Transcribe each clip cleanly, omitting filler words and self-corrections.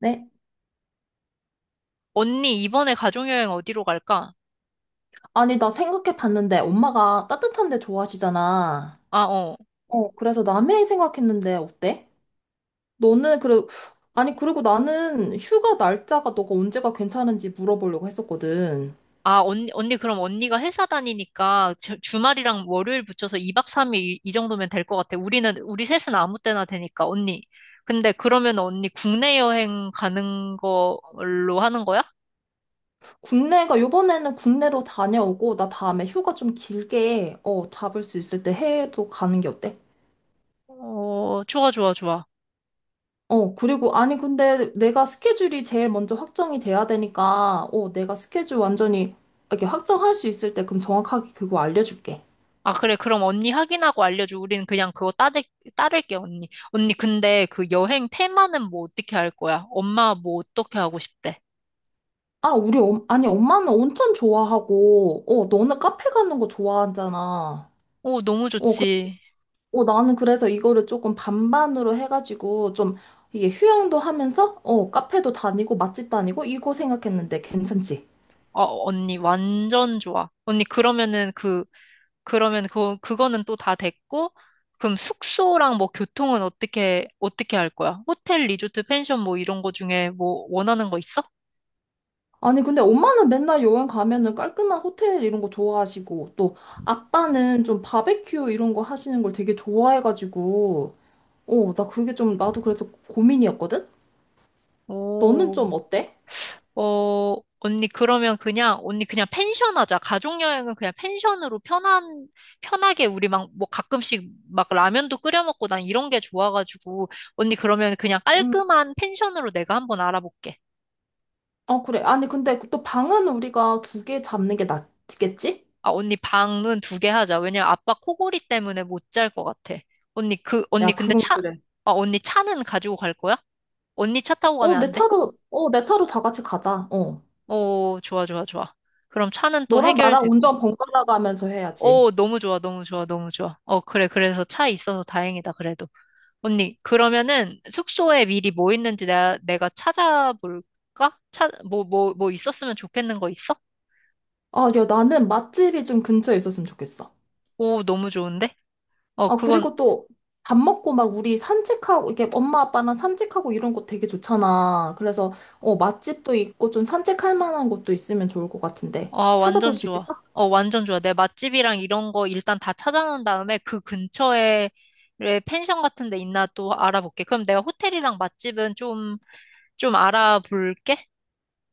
네? 언니, 이번에 가족여행 어디로 갈까? 아니, 나 생각해 봤는데 엄마가 따뜻한 데 좋아하시잖아. 아, 어. 그래서 남해 생각했는데 어때? 너는 그래. 아니, 그리고 나는 휴가 날짜가 너가 언제가 괜찮은지 물어보려고 했었거든. 아, 언니, 그럼 언니가 회사 다니니까 주말이랑 월요일 붙여서 2박 3일 이 정도면 될 것 같아. 우리 셋은 아무 때나 되니까, 언니. 근데 그러면 언니 국내 여행 가는 걸로 하는 거야? 국내가 요번에는 국내로 다녀오고 나 다음에 휴가 좀 길게 잡을 수 있을 때 해외도 가는 게 어때? 어, 좋아, 좋아, 좋아. 그리고 아니 근데 내가 스케줄이 제일 먼저 확정이 돼야 되니까 내가 스케줄 완전히 이렇게 확정할 수 있을 때 그럼 정확하게 그거 알려줄게. 아, 그래. 그럼 언니 확인하고 알려줘. 우리는 그냥 그거 따를게, 언니. 언니, 근데 그 여행 테마는 뭐 어떻게 할 거야? 엄마 뭐 어떻게 하고 싶대? 아, 아니, 엄마는 온천 좋아하고, 너는 카페 가는 거 좋아하잖아. 오, 너무 어, 그, 좋지. 나는 그래서 이거를 조금 반반으로 해가지고, 좀, 이게 휴양도 하면서, 카페도 다니고, 맛집 다니고, 이거 생각했는데, 괜찮지? 어, 언니, 완전 좋아. 언니, 그러면은 그, 그러면 그, 그거는 또 다 됐고, 그럼 숙소랑 뭐 교통은 어떻게 할 거야? 호텔, 리조트, 펜션 뭐 이런 거 중에 뭐 원하는 거 있어? 아니, 근데 엄마는 맨날 여행 가면은 깔끔한 호텔 이런 거 좋아하시고, 또, 아빠는 좀 바베큐 이런 거 하시는 걸 되게 좋아해가지고, 나 그게 좀, 나도 그래서 고민이었거든? 너는 오, 좀 어때? 어, 언니, 그러면 그냥, 언니 그냥 펜션 하자. 가족여행은 그냥 펜션으로 편하게 우리 막, 뭐 가끔씩 막 라면도 끓여 먹고 난 이런 게 좋아가지고, 언니 그러면 그냥 음. 깔끔한 펜션으로 내가 한번 알아볼게. 어, 그래. 아니, 근데 또 방은 우리가 두 개 잡는 게 낫겠지? 아, 언니 방은 두 개 하자. 왜냐면 아빠 코골이 때문에 못 잘 것 같아. 언니 야, 근데 그건 차, 그래. 아, 언니 차는 가지고 갈 거야? 언니 차 타고 가면 안 돼? 내 차로 다 같이 가자. 어. 오, 좋아, 좋아, 좋아. 그럼 차는 또 너랑 나랑 해결됐고. 운전 번갈아 가면서 해야지. 오, 너무 좋아, 너무 좋아, 너무 좋아. 어, 그래, 그래서 차 있어서 다행이다, 그래도. 언니, 그러면은 숙소에 미리 뭐 있는지 내가 찾아볼까? 차, 뭐 있었으면 좋겠는 거 있어? 아, 야, 나는 맛집이 좀 근처에 있었으면 좋겠어. 오, 너무 좋은데? 어, 아, 그건, 그리고 또 밥 먹고 막 우리 산책하고, 이게 엄마 아빠랑 산책하고 이런 거 되게 좋잖아. 그래서, 맛집도 있고 좀 산책할 만한 곳도 있으면 좋을 것 같은데. 아, 찾아볼 완전 수 좋아. 있겠어? 어, 완전 좋아. 내 맛집이랑 이런 거 일단 다 찾아놓은 다음에 그 근처에 펜션 같은 데 있나 또 알아볼게. 그럼 내가 호텔이랑 맛집은 좀 알아볼게.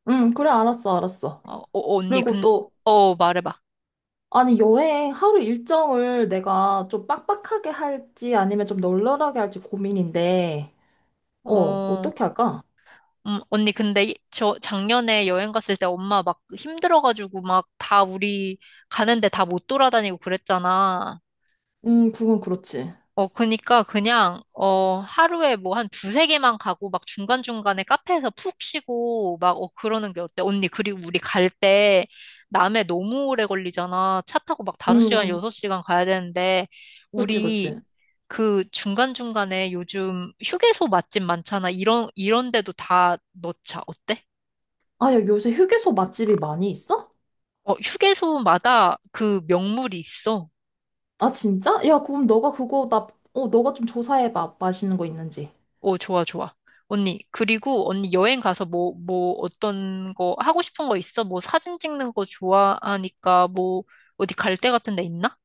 응, 그래, 알았어, 알았어. 어, 언니, 그리고 근, 또, 어, 말해봐. 아니, 여행 하루 일정을 내가 좀 빡빡하게 할지 아니면 좀 널널하게 할지 고민인데, 어, 어떻게 할까? 언니, 근데 저 작년에 여행 갔을 때 엄마 막 힘들어가지고 막 다 우리 가는데 다 못 돌아다니고 그랬잖아. 그건 그렇지. 어, 그니까 그냥, 어, 하루에 뭐 한 두세 개만 가고 막 중간중간에 카페에서 푹 쉬고 막, 어, 그러는 게 어때? 언니, 그리고 우리 갈 때 남해 너무 오래 걸리잖아. 차 타고 막 다섯 시간 음. 6시간 가야 되는데, 그치, 우리 그치. 그 중간중간에 요즘 휴게소 맛집 많잖아. 이런 데도 다 넣자. 어때? 아, 야, 요새 휴게소 맛집이 많이 있어? 어, 휴게소마다 그 명물이 있어. 아, 진짜? 야, 그럼 너가 그거, 나, 어, 너가 좀 조사해봐. 맛있는 거 있는지. 오, 좋아, 좋아. 언니, 그리고 언니 여행 가서 뭐, 어떤 거, 하고 싶은 거 있어? 뭐 사진 찍는 거 좋아하니까 뭐, 어디 갈 데 같은 데 있나?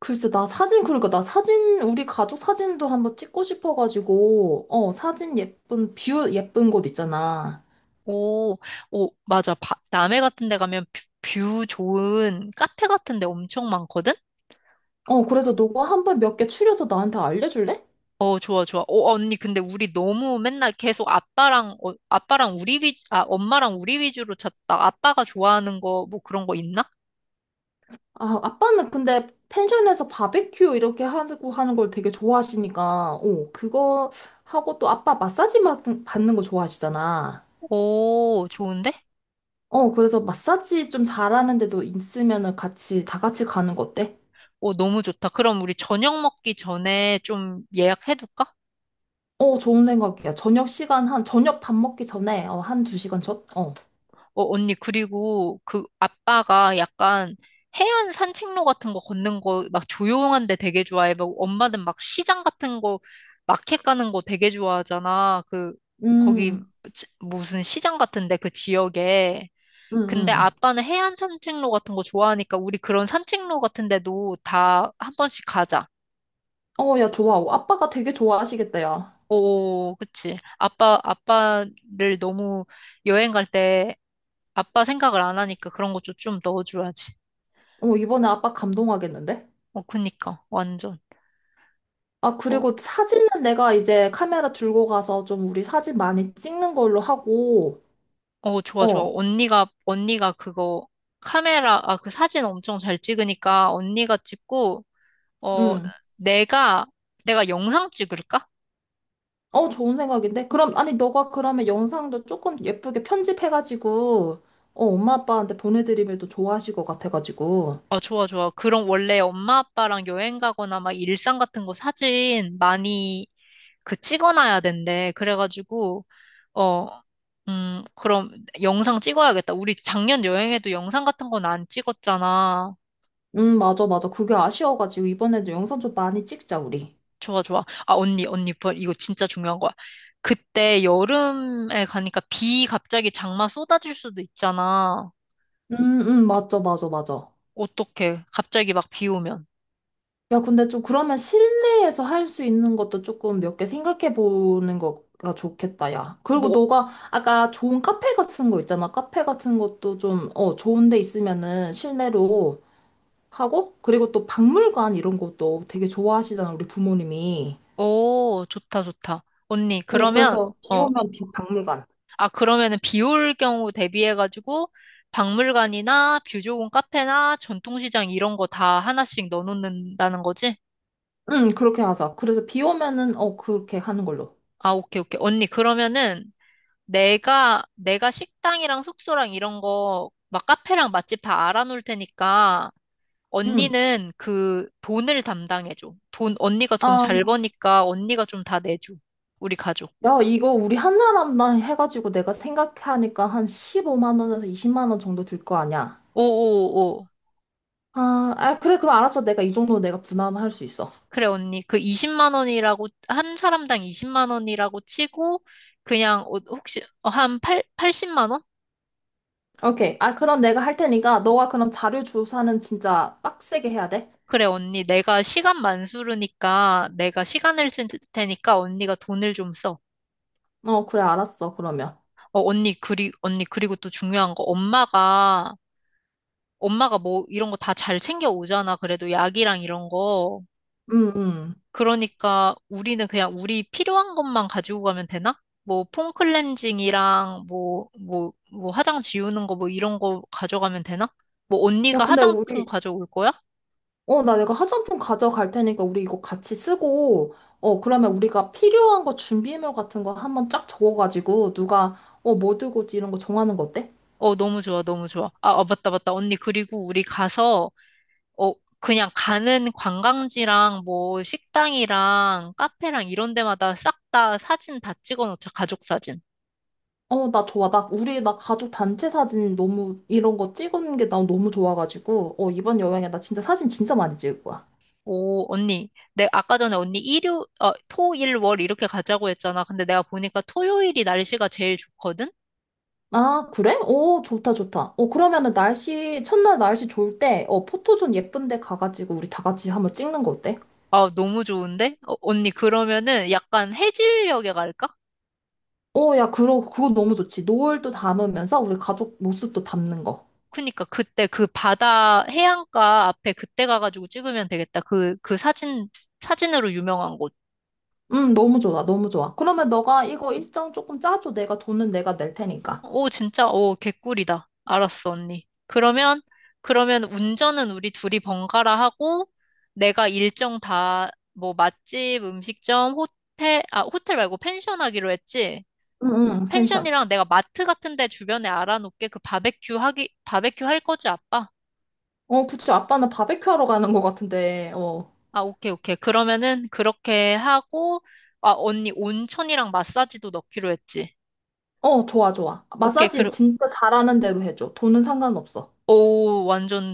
글쎄, 나 사진, 우리 가족 사진도 한번 찍고 싶어가지고, 사진 예쁜, 뷰 예쁜 곳 있잖아. 오, 오, 맞아. 남해 같은 데 가면 뷰 좋은 카페 같은 데 엄청 많거든? 그래서 너가 한번 몇 개 추려서 나한테 알려줄래? 어, 좋아, 좋아. 어, 언니, 근데 우리 너무 맨날 계속 아빠랑 엄마랑 우리 위주로 찾다. 아빠가 좋아하는 거, 뭐 그런 거 있나? 아, 아빠는 근데 펜션에서 바베큐 이렇게 하고 하는 걸 되게 좋아하시니까, 오, 그거 하고 또 아빠 마사지 받는 거 좋아하시잖아. 오, 좋은데? 그래서 마사지 좀 잘하는데도 있으면은 같이, 다 같이 가는 거 어때? 오, 너무 좋다. 그럼 우리 저녁 먹기 전에 좀 예약해둘까? 어, 좋은 생각이야. 저녁 밥 먹기 전에, 한 두 시간 전? 어. 어, 언니, 그리고 그 아빠가 약간 해안 산책로 같은 거 걷는 거 막 조용한 데 되게 좋아해. 막 엄마는 막 시장 같은 거 마켓 가는 거 되게 좋아하잖아. 거기 음, 무슨 시장 같은데 그 지역에. 음, 근데 음. 아빠는 해안 산책로 같은 거 좋아하니까 우리 그런 산책로 같은 데도 다 한 번씩 가자. 어, 야, 좋아. 어, 아빠가 되게 좋아하시겠다, 야. 오, 그치. 아빠를 너무 여행 갈 때 아빠 생각을 안 하니까 그런 것도 좀 넣어줘야지. 어, 이번에 아빠 감동하겠는데? 어, 그니까. 완전. 아, 어, 그리고 사진은 내가 이제 카메라 들고 가서 좀 우리 사진 많이 찍는 걸로 하고, 어, 좋아, 좋아. 어, 언니가 그거 그 사진 엄청 잘 찍으니까 언니가 찍고, 어, 응. 내가, 내가 영상 찍을까? 어, 좋은 생각인데? 그럼, 아니, 너가 그러면 영상도 조금 예쁘게 편집해가지고, 엄마 아빠한테 보내드리면 또 좋아하실 것 같아가지고. 아, 좋아, 좋아. 그럼 원래 엄마 아빠랑 여행 가거나 막 일상 같은 거 사진 많이 그 찍어놔야 된대. 그래가지고, 어, 그럼 영상 찍어야겠다. 우리 작년 여행에도 영상 같은 건 안 찍었잖아. 응, 맞아, 맞아. 그게 아쉬워가지고, 이번에도 영상 좀 많이 찍자, 우리. 좋아, 좋아. 아, 언니, 이거 진짜 중요한 거야. 그때 여름에 가니까 비 갑자기 장마 쏟아질 수도 있잖아. 응, 응, 맞아, 맞아, 맞아. 어떡해. 갑자기 막 비 오면. 야, 근데 좀 그러면 실내에서 할 수 있는 것도 조금 몇 개 생각해 보는 거가 좋겠다, 야. 그리고 뭐, 너가 아까 좋은 카페 같은 거 있잖아. 카페 같은 것도 좀, 좋은 데 있으면은 실내로 하고, 그리고 또 박물관 이런 것도 되게 좋아하시잖아, 우리 부모님이. 오, 좋다, 좋다. 언니, 그러면, 그래서 비 어, 오면 비 박물관. 아, 그러면은 비올 경우 대비해가지고 박물관이나 뷰조공 카페나 전통시장 이런 거 다 하나씩 넣어놓는다는 거지? 응, 그렇게 하자. 그래서 비 오면은, 그렇게 하는 걸로. 아, 오케이, 오케이. 언니, 그러면은 내가 식당이랑 숙소랑 이런 거, 막 카페랑 맛집 다 알아놓을 테니까 응. 언니는 그 돈을 담당해줘. 돈, 언니가 돈 아, 잘 버니까 언니가 좀 다 내줘. 우리 가족. 야, 이거 우리 한 사람당 해가지고 내가 생각하니까 한 15만 원에서 20만 원 정도 들 거 아니야. 오오오. 아, 아, 그래, 그럼 알았어. 내가 이 정도 내가 부담할 수 있어. 그래, 언니. 그 20만 원이라고, 한 사람당 20만 원이라고 치고, 그냥, 어, 혹시, 어, 한 8, 80만 원? 오케이. 아, 그럼 내가 할 테니까, 너가 그럼 자료 조사는 진짜 빡세게 해야 돼? 그래, 언니. 내가 시간 만수르니까, 내가 시간을 쓸 테니까 언니가 돈을 좀 써. 어, 그래, 알았어, 그러면. 어, 언니, 언니, 그리고 또 중요한 거, 엄마가 뭐, 이런 거 다 잘 챙겨 오잖아. 그래도 약이랑 이런 거. 응응. 그러니까 우리는 그냥 우리 필요한 것만 가지고 가면 되나? 뭐 폼 클렌징이랑 뭐 화장 지우는 거 뭐 이런 거 가져가면 되나? 뭐 야, 언니가 근데 화장품 우리, 가져올 거야? 어, 나 내가 화장품 가져갈 테니까, 우리 이거 같이 쓰고, 그러면 우리가 필요한 거 준비물 같은 거 한번 쫙 적어가지고, 누가, 뭐 들고 오지 이런 거 정하는 거 어때? 어, 너무 좋아, 너무 좋아. 아, 아, 맞다, 맞다. 언니, 그리고 우리 가서, 어, 그냥 가는 관광지랑 뭐 식당이랑 카페랑 이런 데마다 싹 다 사진 다 찍어 놓자, 가족 사진. 어, 나 좋아. 나 가족 단체 사진 너무, 이런 거 찍은 게 나 너무 좋아가지고, 이번 여행에 나 진짜 사진 진짜 많이 찍을 거야. 오, 언니. 내 아까 전에 언니 토, 일, 월 이렇게 가자고 했잖아. 근데 내가 보니까 토요일이 날씨가 제일 좋거든? 아, 그래? 오, 좋다, 좋다. 어, 그러면은 날씨, 첫날 날씨 좋을 때, 포토존 예쁜 데 가가지고 우리 다 같이 한번 찍는 거 어때? 아, 너무 좋은데? 어, 언니, 그러면은 약간 해질녘에 갈까? 어, 야, 그거 너무 좋지. 노을도 담으면서 우리 가족 모습도 담는 거. 그니까 그때 그 바다, 해안가 앞에 그때 가가지고 찍으면 되겠다. 그 사진으로 유명한 곳. 응 너무 좋아, 너무 좋아. 그러면 너가 이거 일정 조금 짜줘. 내가 돈은 내가 낼 테니까. 오, 진짜? 오, 개꿀이다. 알았어, 언니. 그러면 운전은 우리 둘이 번갈아 하고, 내가 일정 다, 뭐, 맛집, 음식점, 호텔, 아, 호텔 말고 펜션 하기로 했지? 응, 응, 펜션. 펜션이랑 내가 마트 같은 데 주변에 알아놓게 그 바베큐 할 거지, 아빠? 어, 그치 아빠는 바베큐 하러 가는 거 같은데, 어. 아, 오케이, 오케이. 그러면은 그렇게 하고, 아, 언니 온천이랑 마사지도 넣기로 했지? 어, 좋아, 좋아. 오케이, 마사지 그럼, 진짜 잘하는 대로 해줘. 돈은 상관없어. 오, 완전